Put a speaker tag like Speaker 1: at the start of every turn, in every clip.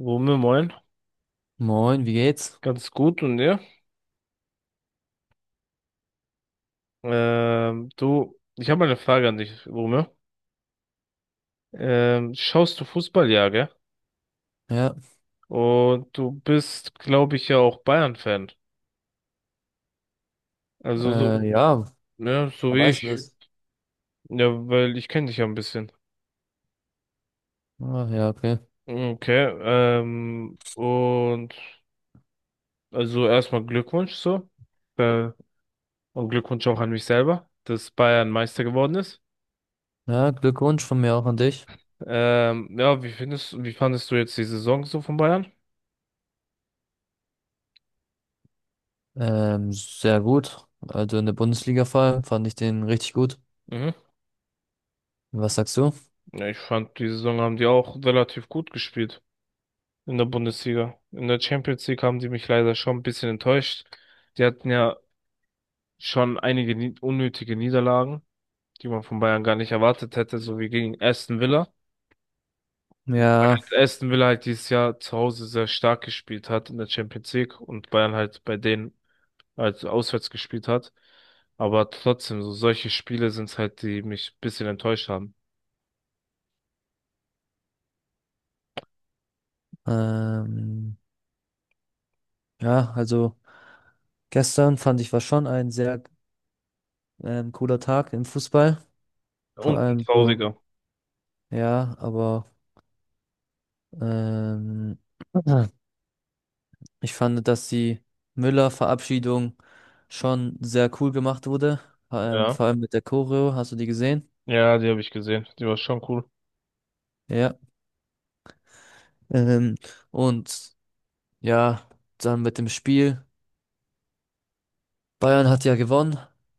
Speaker 1: Rumme, moin.
Speaker 2: Moin, wie geht's?
Speaker 1: Ganz gut und dir? Du, ich habe mal eine Frage an dich, Rumme. Schaust du Fußball, ja, gell?
Speaker 2: Ja,
Speaker 1: Und du bist, glaube ich, ja auch Bayern-Fan. Also so,
Speaker 2: äh, ja,
Speaker 1: ja, so
Speaker 2: da
Speaker 1: wie
Speaker 2: weißt du
Speaker 1: ich.
Speaker 2: Grüß.
Speaker 1: Ja, weil ich kenne dich ja ein bisschen.
Speaker 2: Das. Ja, okay.
Speaker 1: Okay, und also erstmal Glückwunsch so. Äh, und Glückwunsch auch an mich selber, dass Bayern Meister geworden ist.
Speaker 2: Ja, Glückwunsch von mir auch an dich.
Speaker 1: Ja, wie fandest du jetzt die Saison so von Bayern?
Speaker 2: Sehr gut. Also in der Bundesliga vor allem fand ich den richtig gut.
Speaker 1: Mhm.
Speaker 2: Was sagst du?
Speaker 1: Ja, ich fand, die Saison haben die auch relativ gut gespielt in der Bundesliga. In der Champions League haben die mich leider schon ein bisschen enttäuscht. Die hatten ja schon einige nie unnötige Niederlagen, die man von Bayern gar nicht erwartet hätte, so wie gegen Aston Villa.
Speaker 2: Ja,
Speaker 1: Weil Aston Villa halt dieses Jahr zu Hause sehr stark gespielt hat in der Champions League und Bayern halt bei denen halt auswärts gespielt hat. Aber trotzdem, so solche Spiele sind's halt, die mich ein bisschen enttäuscht haben.
Speaker 2: ähm, ja, also gestern fand ich war schon ein sehr cooler Tag im Fußball. Vor
Speaker 1: Und ein
Speaker 2: allem so,
Speaker 1: trauriger.
Speaker 2: ja, aber ähm, Ich fand, dass die Müller-Verabschiedung schon sehr cool gemacht wurde.
Speaker 1: Ja.
Speaker 2: Vor allem mit der Choreo, hast du die gesehen?
Speaker 1: Ja, die habe ich gesehen. Die war schon cool.
Speaker 2: Ja. Ähm, und ja, dann mit dem Spiel. Bayern hat ja gewonnen.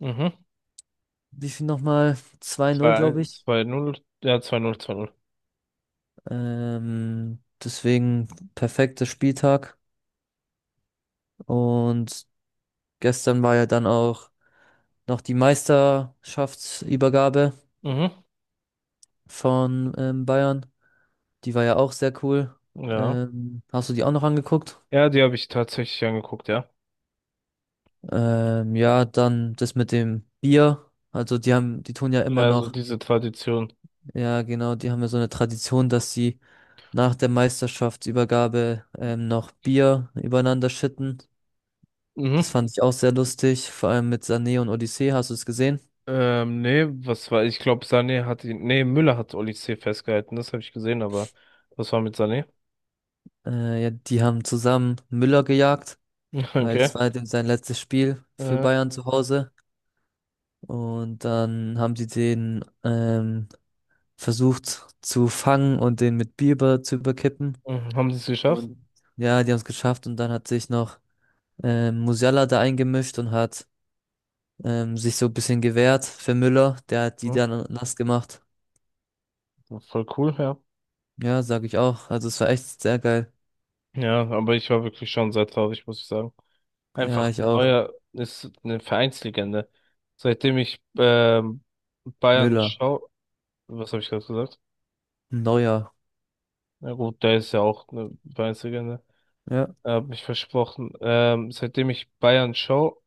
Speaker 1: Mhm.
Speaker 2: Wie viel nochmal? Zwei Null,
Speaker 1: zwei
Speaker 2: glaube ich.
Speaker 1: zwei null ja, zwei null.
Speaker 2: Deswegen perfekter Spieltag. Und gestern war ja dann auch noch die Meisterschaftsübergabe
Speaker 1: Mhm.
Speaker 2: von Bayern. Die war ja auch sehr cool.
Speaker 1: Ja.
Speaker 2: Hast du die auch noch angeguckt?
Speaker 1: Ja, die habe ich tatsächlich angeguckt, ja.
Speaker 2: Ja, dann das mit dem Bier. Also die haben, die tun ja immer
Speaker 1: Ja, so
Speaker 2: noch,
Speaker 1: diese Tradition.
Speaker 2: ja genau, die haben ja so eine Tradition, dass sie nach der Meisterschaftsübergabe noch Bier übereinander schütten.
Speaker 1: Mhm.
Speaker 2: Das fand ich auch sehr lustig, vor allem mit Sané und Odyssee, hast du es gesehen?
Speaker 1: Nee, was war, ich glaube, nee, Müller hat Oli C. festgehalten, das habe ich gesehen, aber was war mit Sané?
Speaker 2: Ja, die haben zusammen Müller gejagt, weil das
Speaker 1: Okay.
Speaker 2: war halt eben sein letztes Spiel für
Speaker 1: Äh,
Speaker 2: Bayern zu Hause. Und dann haben sie den versucht zu fangen und den mit Bier über- zu überkippen.
Speaker 1: mhm. Haben sie es geschafft?
Speaker 2: Und ja, die haben es geschafft und dann hat sich noch Musiala da eingemischt und hat sich so ein bisschen gewehrt für Müller. Der hat die
Speaker 1: Mhm.
Speaker 2: dann nass gemacht.
Speaker 1: Voll cool, ja.
Speaker 2: Ja, sag ich auch. Also es war echt sehr geil.
Speaker 1: Ja, aber ich war wirklich schon sehr traurig, muss ich sagen.
Speaker 2: Ja,
Speaker 1: Einfach
Speaker 2: ich auch.
Speaker 1: Neuer ist eine Vereinslegende. Seitdem ich Bayern
Speaker 2: Müller.
Speaker 1: schaue, was habe ich gerade gesagt?
Speaker 2: Neuer.
Speaker 1: Na gut, der ist ja auch eine Weiße.
Speaker 2: Ja.
Speaker 1: Hab ich versprochen. Seitdem ich Bayern schaue,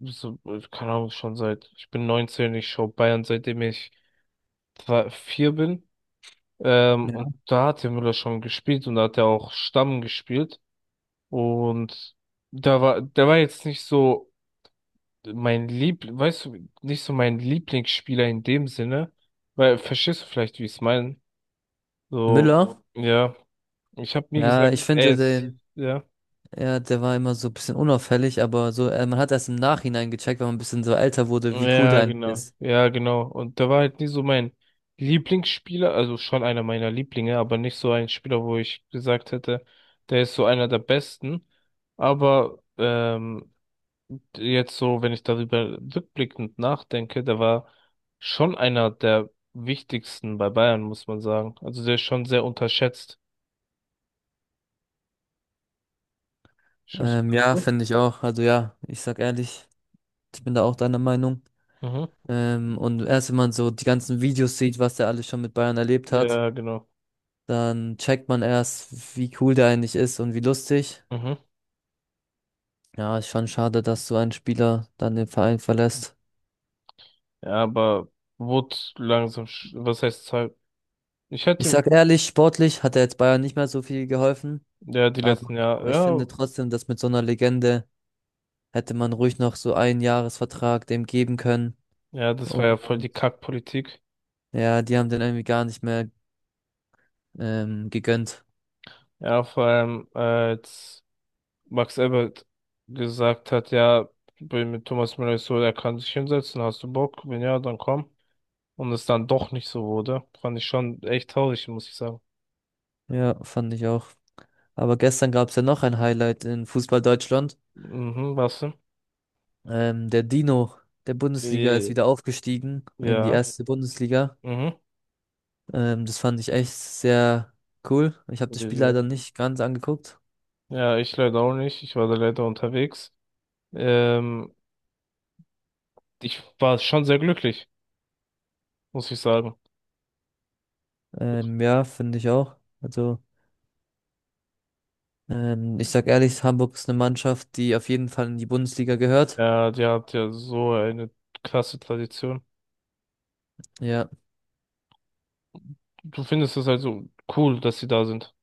Speaker 1: so, keine Ahnung, schon seit, ich bin 19, ich schaue Bayern, seitdem ich 4 bin.
Speaker 2: Ja.
Speaker 1: Und da hat der Müller schon gespielt und da hat er auch Stamm gespielt. Und da war, der war jetzt nicht so weißt du, nicht so mein Lieblingsspieler in dem Sinne. Weil, verstehst du vielleicht, wie ich es meine? So,
Speaker 2: Müller.
Speaker 1: ja, ich habe nie
Speaker 2: Ja,
Speaker 1: gesagt,
Speaker 2: ich
Speaker 1: er
Speaker 2: finde
Speaker 1: ist,
Speaker 2: den,
Speaker 1: ja.
Speaker 2: ja, der war immer so ein bisschen unauffällig, aber so, man hat erst im Nachhinein gecheckt, wenn man ein bisschen so älter wurde, wie cool
Speaker 1: Ja,
Speaker 2: der eigentlich
Speaker 1: genau.
Speaker 2: ist.
Speaker 1: Ja, genau. Und der war halt nie so mein Lieblingsspieler, also schon einer meiner Lieblinge, aber nicht so ein Spieler, wo ich gesagt hätte, der ist so einer der besten. Aber jetzt so, wenn ich darüber rückblickend nachdenke, der war schon einer der wichtigsten bei Bayern, muss man sagen. Also der ist schon sehr unterschätzt. Stimmst du?
Speaker 2: Ja,
Speaker 1: Dazu?
Speaker 2: finde ich auch. Also ja, ich sag ehrlich, ich bin da auch deiner Meinung.
Speaker 1: Mhm.
Speaker 2: Und erst wenn man so die ganzen Videos sieht, was der alles schon mit Bayern erlebt hat,
Speaker 1: Ja, genau.
Speaker 2: dann checkt man erst, wie cool der eigentlich ist und wie lustig.
Speaker 1: Mhm.
Speaker 2: Ja, ist schon schade, dass so ein Spieler dann den Verein verlässt.
Speaker 1: Ja, aber wurde langsam, was heißt, halt, ich
Speaker 2: Ich
Speaker 1: hätte,
Speaker 2: sag ehrlich, sportlich hat er jetzt Bayern nicht mehr so viel geholfen,
Speaker 1: ja, die
Speaker 2: aber
Speaker 1: letzten Jahre,
Speaker 2: ich
Speaker 1: ja,
Speaker 2: finde trotzdem, dass mit so einer Legende hätte man ruhig noch so einen Jahresvertrag dem geben können.
Speaker 1: ja, das war ja voll die
Speaker 2: Und
Speaker 1: Kackpolitik.
Speaker 2: ja, die haben den irgendwie gar nicht mehr gegönnt.
Speaker 1: Ja, vor allem als Max Ebert gesagt hat, ja, bin mit Thomas Müller ist so, er kann sich hinsetzen, hast du Bock? Wenn ja, dann komm. Und es dann doch nicht so wurde, fand ich schon echt traurig, muss ich sagen.
Speaker 2: Ja, fand ich auch. Aber gestern gab es ja noch ein Highlight in Fußball Deutschland.
Speaker 1: Mhm, was denn?
Speaker 2: Der Dino der Bundesliga ist
Speaker 1: Äh,
Speaker 2: wieder aufgestiegen in die
Speaker 1: Ja,
Speaker 2: erste Bundesliga.
Speaker 1: mhm.
Speaker 2: Das fand ich echt sehr cool. Ich habe das Spiel
Speaker 1: Äh,
Speaker 2: leider nicht ganz angeguckt.
Speaker 1: Ja, ich leider auch nicht, ich war da leider unterwegs. Ähm, Ich war schon sehr glücklich, muss ich sagen.
Speaker 2: Ja, finde ich auch. Also, ich sag ehrlich, Hamburg ist eine Mannschaft, die auf jeden Fall in die Bundesliga gehört.
Speaker 1: Ja, die hat ja so eine krasse Tradition.
Speaker 2: Ja,
Speaker 1: Du findest es also cool, dass sie da sind.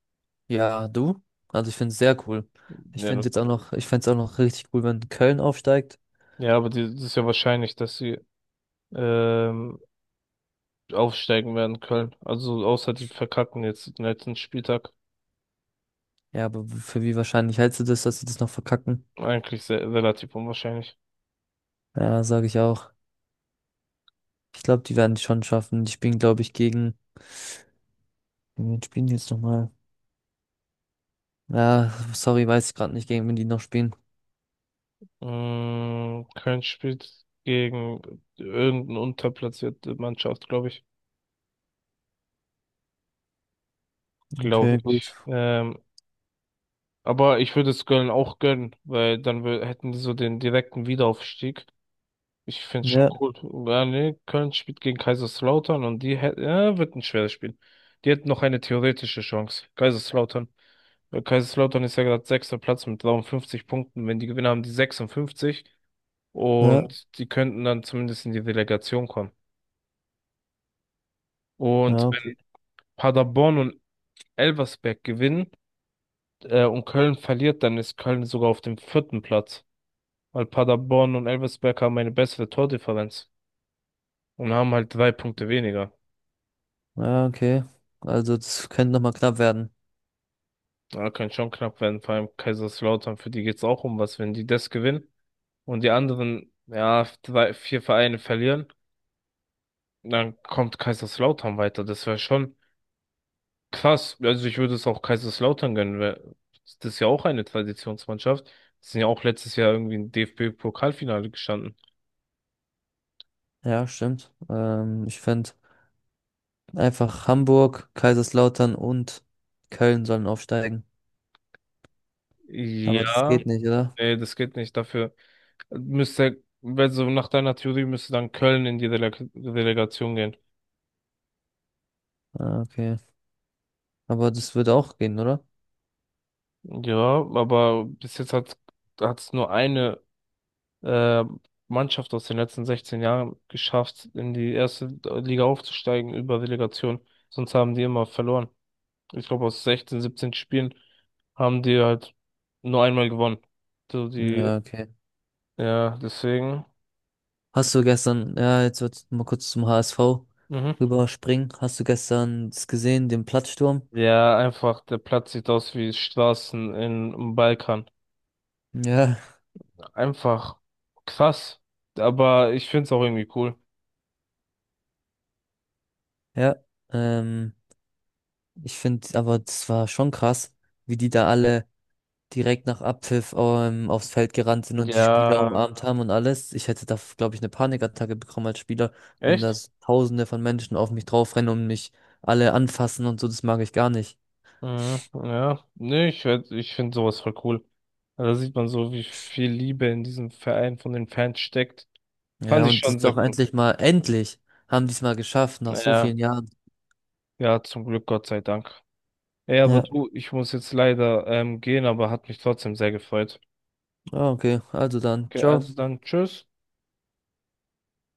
Speaker 2: ja, du? Also, ich finde es sehr cool. Ich
Speaker 1: Ja,
Speaker 2: finde jetzt auch noch, ich fände es auch noch richtig cool, wenn Köln aufsteigt.
Speaker 1: ja, aber die, das ist ja wahrscheinlich, dass sie ähm, aufsteigen werden, Köln. Also außer die verkacken jetzt den letzten Spieltag.
Speaker 2: Ja, aber w- für wie wahrscheinlich hältst du das, dass sie das noch verkacken?
Speaker 1: Eigentlich sehr, relativ unwahrscheinlich.
Speaker 2: Ja, sage ich auch. Ich glaube, die werden es schon schaffen. Die spielen, glaube ich, gegen wen spielen die jetzt nochmal? Ja, sorry, weiß ich gerade nicht, gegen wen die noch spielen.
Speaker 1: Mm, Köln spielt gegen irgendeine unterplatzierte Mannschaft, glaube ich. Glaube
Speaker 2: Okay, gut.
Speaker 1: ich. Aber ich würde es Köln auch gönnen, weil dann hätten die so den direkten Wiederaufstieg. Ich finde es schon
Speaker 2: Ja,
Speaker 1: cool. Ja, nee, Köln spielt gegen Kaiserslautern und die hätten, ja, wird ein schweres Spiel. Die hätten noch eine theoretische Chance. Kaiserslautern. Weil Kaiserslautern ist ja gerade sechster Platz mit 53 Punkten. Wenn die gewinnen, haben die 56
Speaker 2: ja,
Speaker 1: und die könnten dann zumindest in die Relegation kommen. Und
Speaker 2: ja,
Speaker 1: wenn
Speaker 2: okay.
Speaker 1: Paderborn und Elversberg gewinnen, und Köln verliert, dann ist Köln sogar auf dem vierten Platz. Weil Paderborn und Elversberg haben eine bessere Tordifferenz und haben halt 3 Punkte weniger.
Speaker 2: Ja, okay. Also das könnte nochmal knapp werden.
Speaker 1: Ja, kann schon knapp werden, vor allem Kaiserslautern, für die geht's auch um was, wenn die das gewinnen und die anderen, ja, 3, 4 Vereine verlieren, dann kommt Kaiserslautern weiter. Das wäre schon krass. Also ich würde es auch Kaiserslautern gönnen, weil das ist ja auch eine Traditionsmannschaft. Die sind ja auch letztes Jahr irgendwie im DFB-Pokalfinale gestanden.
Speaker 2: Ja, stimmt. Ich fände einfach Hamburg, Kaiserslautern und Köln sollen aufsteigen. Aber das
Speaker 1: Ja,
Speaker 2: geht nicht, oder?
Speaker 1: nee, das geht nicht. Dafür müsste, also nach deiner Theorie müsste dann Köln in die Relegation gehen.
Speaker 2: Ah, okay. Aber das wird auch gehen, oder?
Speaker 1: Ja, aber bis jetzt hat's nur eine äh, Mannschaft aus den letzten 16 Jahren geschafft, in die erste Liga aufzusteigen über Relegation. Sonst haben die immer verloren. Ich glaube, aus 16, 17 Spielen haben die halt nur einmal gewonnen. So die,
Speaker 2: Ja, okay.
Speaker 1: ja, deswegen.
Speaker 2: Hast du gestern, ja, jetzt wird mal kurz zum HSV
Speaker 1: Mhm.
Speaker 2: rüberspringen. Hast du gestern das gesehen, den Platzsturm?
Speaker 1: Ja, einfach, der Platz sieht aus wie Straßen in, im Balkan.
Speaker 2: Ja,
Speaker 1: Einfach krass. Aber ich finde es auch irgendwie cool.
Speaker 2: Ja. Ähm, Ich finde, aber das war schon krass, wie die da alle direkt nach Abpfiff aufs Feld gerannt sind und die Spieler
Speaker 1: Ja,
Speaker 2: umarmt haben und alles. Ich hätte da, glaube ich, eine Panikattacke bekommen als Spieler, wenn da
Speaker 1: echt?
Speaker 2: so Tausende von Menschen auf mich draufrennen und mich alle anfassen und so. Das mag ich gar nicht.
Speaker 1: Mhm, ja, nee, ich werd, ich finde sowas voll cool. Also da sieht man so, wie viel Liebe in diesem Verein von den Fans steckt.
Speaker 2: Ja,
Speaker 1: Fand ich
Speaker 2: und das
Speaker 1: schon
Speaker 2: ist
Speaker 1: sehr
Speaker 2: auch
Speaker 1: cool.
Speaker 2: endlich mal, endlich haben die es mal geschafft, nach so
Speaker 1: Ja,
Speaker 2: vielen Jahren.
Speaker 1: ja, zum Glück, Gott sei Dank. Ey, aber
Speaker 2: Ja,
Speaker 1: du, ich muss jetzt leider gehen, aber hat mich trotzdem sehr gefreut.
Speaker 2: ah, okay, also dann,
Speaker 1: Okay,
Speaker 2: ciao.
Speaker 1: also dann, tschüss.